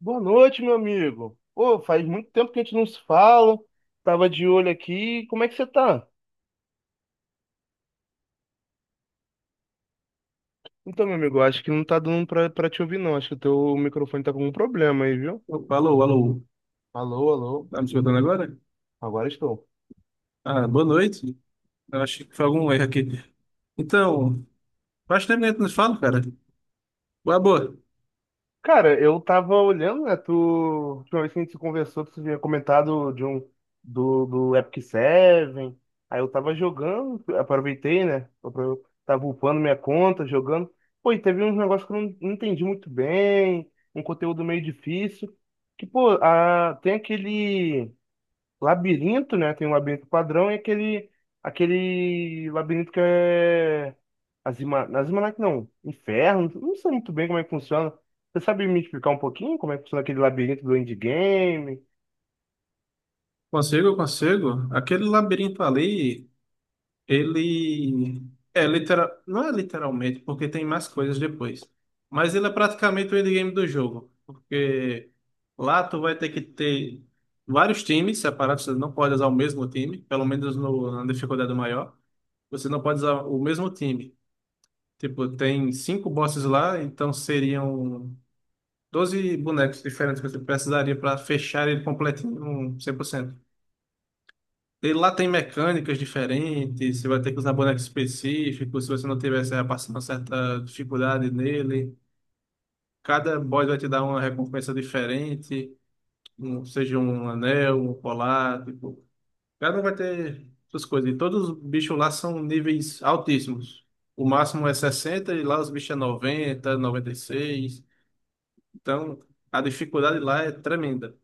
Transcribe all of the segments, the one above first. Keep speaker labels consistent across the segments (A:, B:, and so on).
A: Boa noite, meu amigo. Pô, faz muito tempo que a gente não se fala. Tava de olho aqui. Como é que você tá? Então, meu amigo, eu acho que não tá dando pra te ouvir, não. Acho que o teu microfone tá com algum problema aí, viu?
B: Opa, alô, alô.
A: Alô, alô.
B: Tá me escutando agora?
A: Agora estou.
B: Ah, boa noite. Eu acho que foi algum erro aqui. Então, faz tempo que a gente nos fala, cara. Boa, boa.
A: Cara, eu tava olhando, né? Tu, última vez que a gente se conversou, tu tinha comentado de um do Epic Seven. Aí eu tava jogando, aproveitei, né? Tava upando minha conta, jogando. Pô, e teve uns negócios que eu não entendi muito bem, um conteúdo meio difícil. Que, pô, a, tem aquele. Labirinto, né? Tem um labirinto padrão e aquele labirinto que é Azima, Azimanac não, Inferno, não sei muito bem como é que funciona. Você sabe me explicar um pouquinho como é que funciona aquele labirinto do endgame?
B: Consigo, consigo. Aquele labirinto ali, ele é literal, não é literalmente, porque tem mais coisas depois. Mas ele é praticamente o endgame do jogo, porque lá tu vai ter que ter vários times separados, você não pode usar o mesmo time, pelo menos no, na dificuldade maior. Você não pode usar o mesmo time. Tipo, tem 5 bosses lá, então seriam 12 bonecos diferentes que você precisaria para fechar ele completinho, um 100%. E lá tem mecânicas diferentes, você vai ter que usar bonecos específicos, se você não tiver, você vai passar uma certa dificuldade nele. Cada boss vai te dar uma recompensa diferente, seja um anel, um colar, tipo, cada um vai ter suas coisas. E todos os bichos lá são níveis altíssimos. O máximo é 60 e lá os bichos é 90, 96. Então, a dificuldade lá é tremenda.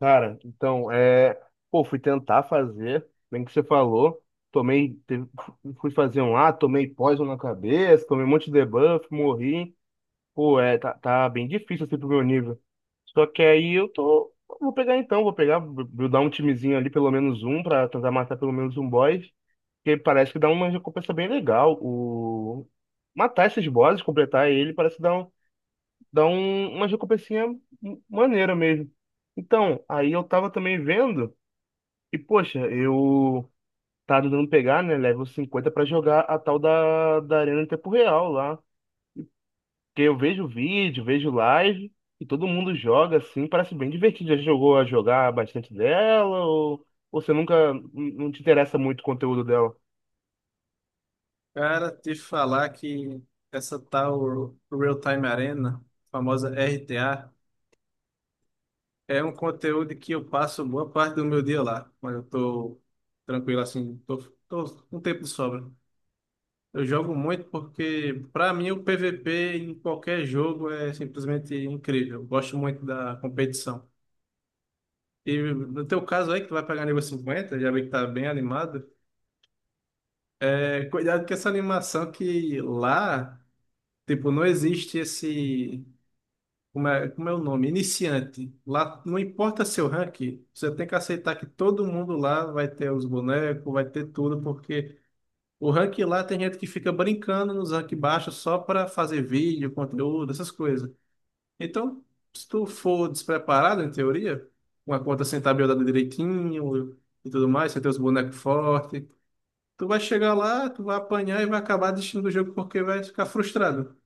A: Cara, então, é. Pô, fui tentar fazer, bem que você falou. Tomei. Fui fazer um lá, tomei poison na cabeça, tomei um monte de debuff, morri. Pô, é, tá bem difícil assim pro meu nível. Só que aí eu tô. Vou pegar então, vou pegar, vou dar um timezinho ali, pelo menos um, pra tentar matar pelo menos um boss. Que parece que dá uma recompensa bem legal. O... Matar esses bosses, completar ele, parece dar um, uma recompensinha maneira mesmo. Então, aí eu tava também vendo, e poxa, eu tava tentando pegar, né, level 50 pra jogar a tal da Arena em tempo real lá. Porque eu vejo vídeo, vejo live e todo mundo joga assim, parece bem divertido. Já jogou a jogar bastante dela ou você nunca não te interessa muito o conteúdo dela?
B: Cara, te falar que essa tal Real Time Arena, famosa RTA, é um conteúdo que eu passo boa parte do meu dia lá, mas eu tô tranquilo assim, tô com tempo de sobra. Eu jogo muito porque, para mim, o PVP em qualquer jogo é simplesmente incrível. Eu gosto muito da competição. E no teu caso aí, que tu vai pegar nível 50 já vi que tá bem animado. É, cuidado com essa animação que lá. Tipo, não existe esse. Como é o nome? Iniciante. Lá não importa seu ranking, você tem que aceitar que todo mundo lá vai ter os bonecos, vai ter tudo, porque o ranking lá tem gente que fica brincando nos rank baixos só para fazer vídeo, conteúdo, essas coisas. Então, se tu for despreparado, em teoria, com a conta sem tabelada direitinho e tudo mais, você tem os bonecos fortes, tu vai chegar lá, tu vai apanhar e vai acabar desistindo do jogo porque vai ficar frustrado.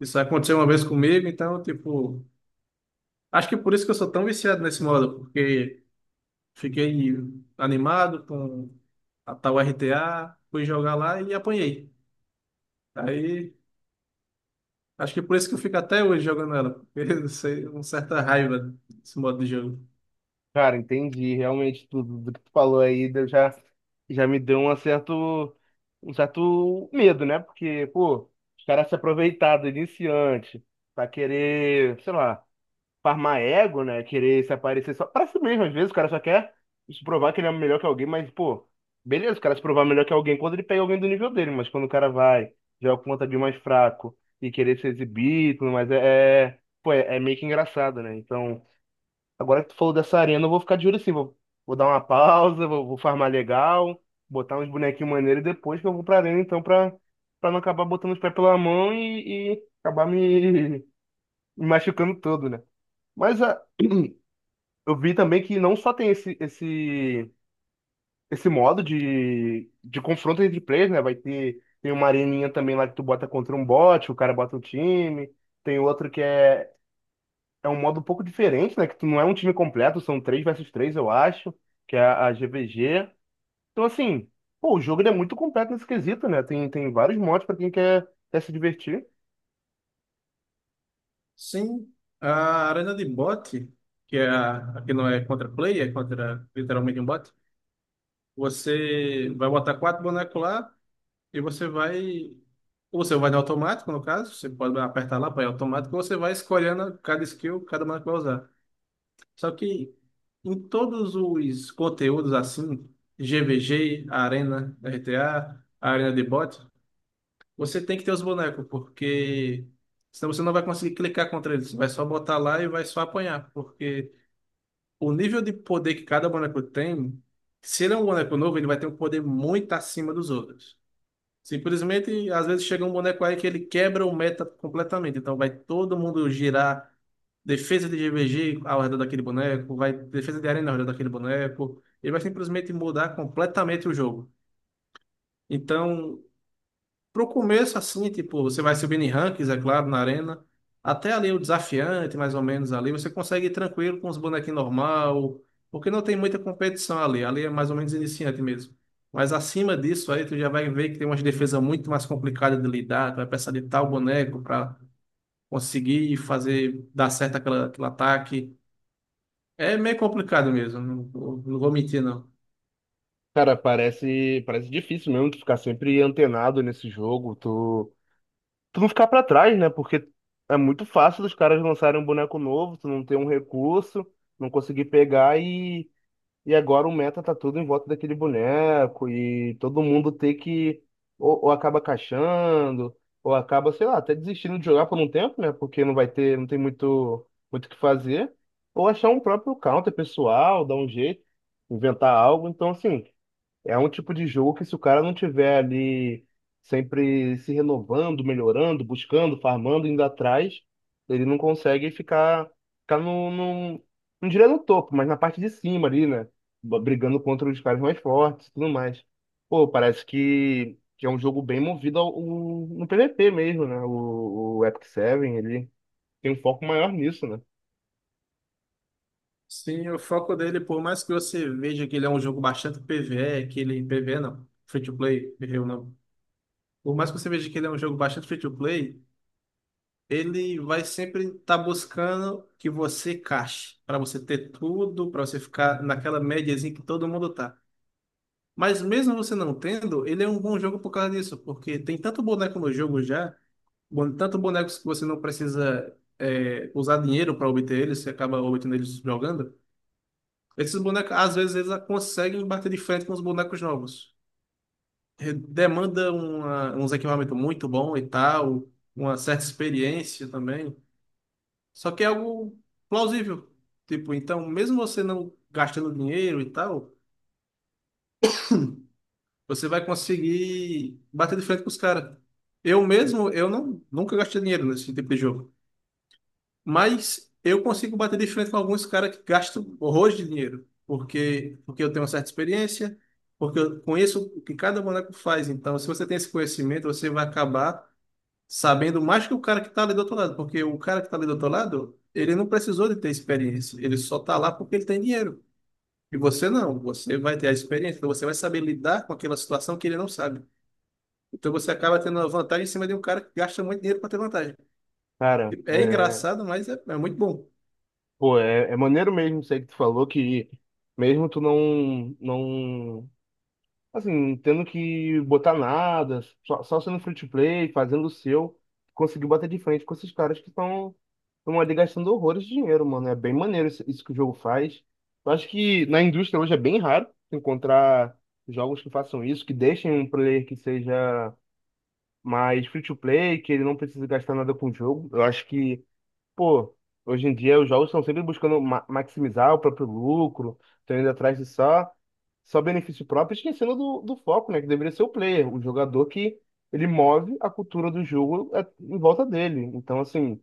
B: Isso aconteceu uma vez comigo, então, tipo, acho que por isso que eu sou tão viciado nesse modo, porque fiquei animado com a tal RTA, fui jogar lá e apanhei. Aí, acho que por isso que eu fico até hoje jogando ela, porque eu sei, uma certa raiva desse modo de jogo.
A: Cara, entendi. Realmente tudo do que tu falou aí já me deu um certo medo, né? Porque, pô, os caras se aproveitaram do iniciante pra querer, sei lá. Farmar ego, né? Querer se aparecer só pra si mesmo. Às vezes o cara só quer se provar que ele é melhor que alguém, mas, pô, beleza, o cara se provar melhor que alguém quando ele pega alguém do nível dele, mas quando o cara vai, joga contra de mais fraco e querer se exibir, e tudo mais, pô, é meio que engraçado, né? Então, agora que tu falou dessa arena, eu vou ficar de olho assim, vou, vou dar uma pausa, vou, vou farmar legal, botar uns bonequinhos maneiros e depois que eu vou pra arena, então, pra não acabar botando os pés pela mão e acabar me, me machucando todo, né? Mas a, eu vi também que não só tem esse modo de confronto entre players, né? Vai ter, tem uma areninha também lá que tu bota contra um bot, o cara bota um time. Tem outro que é um modo um pouco diferente, né? Que tu não é um time completo, são três versus três eu acho, que é a GVG. Então, assim, pô, o jogo ele é muito completo nesse quesito, né? Tem vários modos pra quem quer se divertir.
B: Sim, a arena de bot, que é a que não é contra play, é contra literalmente um bot, você vai botar 4 bonecos lá E você vai. Ou Você vai no automático, no caso, você pode apertar lá para ir automático, ou você vai escolhendo cada skill, cada mana que vai usar. Só que em todos os conteúdos assim, GVG, Arena, RTA, Arena de Bot, você tem que ter os bonecos, porque senão você não vai conseguir clicar contra eles. Você vai só botar lá e vai só apanhar, porque o nível de poder que cada boneco tem, se ele é um boneco novo, ele vai ter um poder muito acima dos outros. Simplesmente, às vezes chega um boneco aí que ele quebra o meta completamente. Então vai todo mundo girar defesa de GVG ao redor daquele boneco, vai defesa de arena ao redor daquele boneco. Ele vai simplesmente mudar completamente o jogo. Então, pro começo, assim, tipo, você vai subindo em rankings, é claro, na arena. Até ali o desafiante, mais ou menos ali, você consegue ir tranquilo com os bonequinhos normal, porque não tem muita competição ali. Ali é mais ou menos iniciante mesmo. Mas acima disso aí, tu já vai ver que tem umas defesas muito mais complicadas de lidar. Tu vai precisar de tal boneco para conseguir fazer dar certo aquela, aquele ataque. É meio complicado mesmo, não vou mentir, não.
A: Cara, parece difícil mesmo tu ficar sempre antenado nesse jogo. Tu não ficar pra trás, né? Porque é muito fácil dos caras lançarem um boneco novo, tu não ter um recurso, não conseguir pegar e agora o meta tá tudo em volta daquele boneco e todo mundo ter que ou acaba caixando, ou acaba, sei lá, até desistindo de jogar por um tempo, né? Porque não vai ter, não tem muito o que fazer, ou achar um próprio counter pessoal, dar um jeito, inventar algo. Então, assim, é um tipo de jogo que se o cara não tiver ali sempre se renovando, melhorando, buscando, farmando, indo atrás, ele não consegue ficar no não diria no topo, mas na parte de cima ali, né? Brigando contra os caras mais fortes e tudo mais. Pô, parece que é um jogo bem movido no PVP mesmo, né? O Epic Seven, ele tem um foco maior nisso, né?
B: Sim, o foco dele, por mais que você veja que ele é um jogo bastante PvE, que ele PvE não, free to play, errei o nome. Por mais que você veja que ele é um jogo bastante free to play, ele vai sempre estar buscando que você cache, para você ter tudo, para você ficar naquela médiazinha que todo mundo tá. Mas mesmo você não tendo, ele é um bom jogo por causa disso, porque tem tanto boneco no jogo já, tanto bonecos que você não precisa é, usar dinheiro para obter eles, você acaba obtendo eles jogando. Esses bonecos, às vezes, eles conseguem bater de frente com os bonecos novos. Demanda uns equipamentos muito bons e tal, uma certa experiência também. Só que é algo plausível. Tipo, então, mesmo você não gastando dinheiro e tal, você vai conseguir bater de frente com os caras. Eu mesmo, eu não, nunca gastei dinheiro nesse tipo de jogo. Mas eu consigo bater de frente com alguns caras que gastam horrores de dinheiro, porque eu tenho uma certa experiência, porque eu conheço o que cada boneco faz. Então, se você tem esse conhecimento, você vai acabar sabendo mais que o cara que está ali do outro lado, porque o cara que está ali do outro lado, ele não precisou de ter experiência, ele só está lá porque ele tem dinheiro. E você não, você vai ter a experiência, então você vai saber lidar com aquela situação que ele não sabe. Então você acaba tendo uma vantagem em cima de um cara que gasta muito dinheiro para ter vantagem.
A: Cara,
B: É
A: é,
B: engraçado, mas é muito bom.
A: pô, é, é maneiro mesmo isso aí que tu falou, que mesmo tu não assim, tendo que botar nada, só sendo free to play, fazendo o seu, conseguiu bater de frente com esses caras que estão ali gastando horrores de dinheiro, mano. É bem maneiro isso que o jogo faz. Eu acho que na indústria hoje é bem raro encontrar jogos que façam isso, que deixem um player que seja mais free to play, que ele não precisa gastar nada com o jogo. Eu acho que pô, hoje em dia os jogos estão sempre buscando maximizar o próprio lucro, estão indo atrás de só benefício próprio, esquecendo do foco, né? Que deveria ser o player, o jogador que ele move a cultura do jogo é, em volta dele. Então, assim,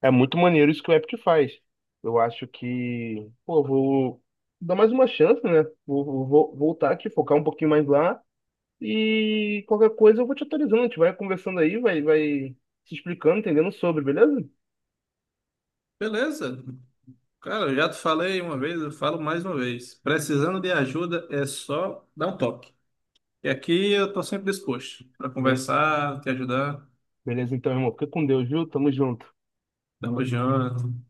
A: é muito maneiro isso que o Epic faz. Eu acho que, pô, eu vou dar mais uma chance, né? Vou voltar aqui, focar um pouquinho mais lá e qualquer coisa eu vou te atualizando. A gente vai conversando aí, vai se explicando, entendendo sobre, beleza?
B: Beleza. Cara, eu já te falei uma vez, eu falo mais uma vez. Precisando de ajuda é só dar um toque. E aqui eu tô sempre disposto para conversar, te ajudar,
A: Beleza, então, irmão. Fica com Deus, viu? Tamo junto.
B: dar uma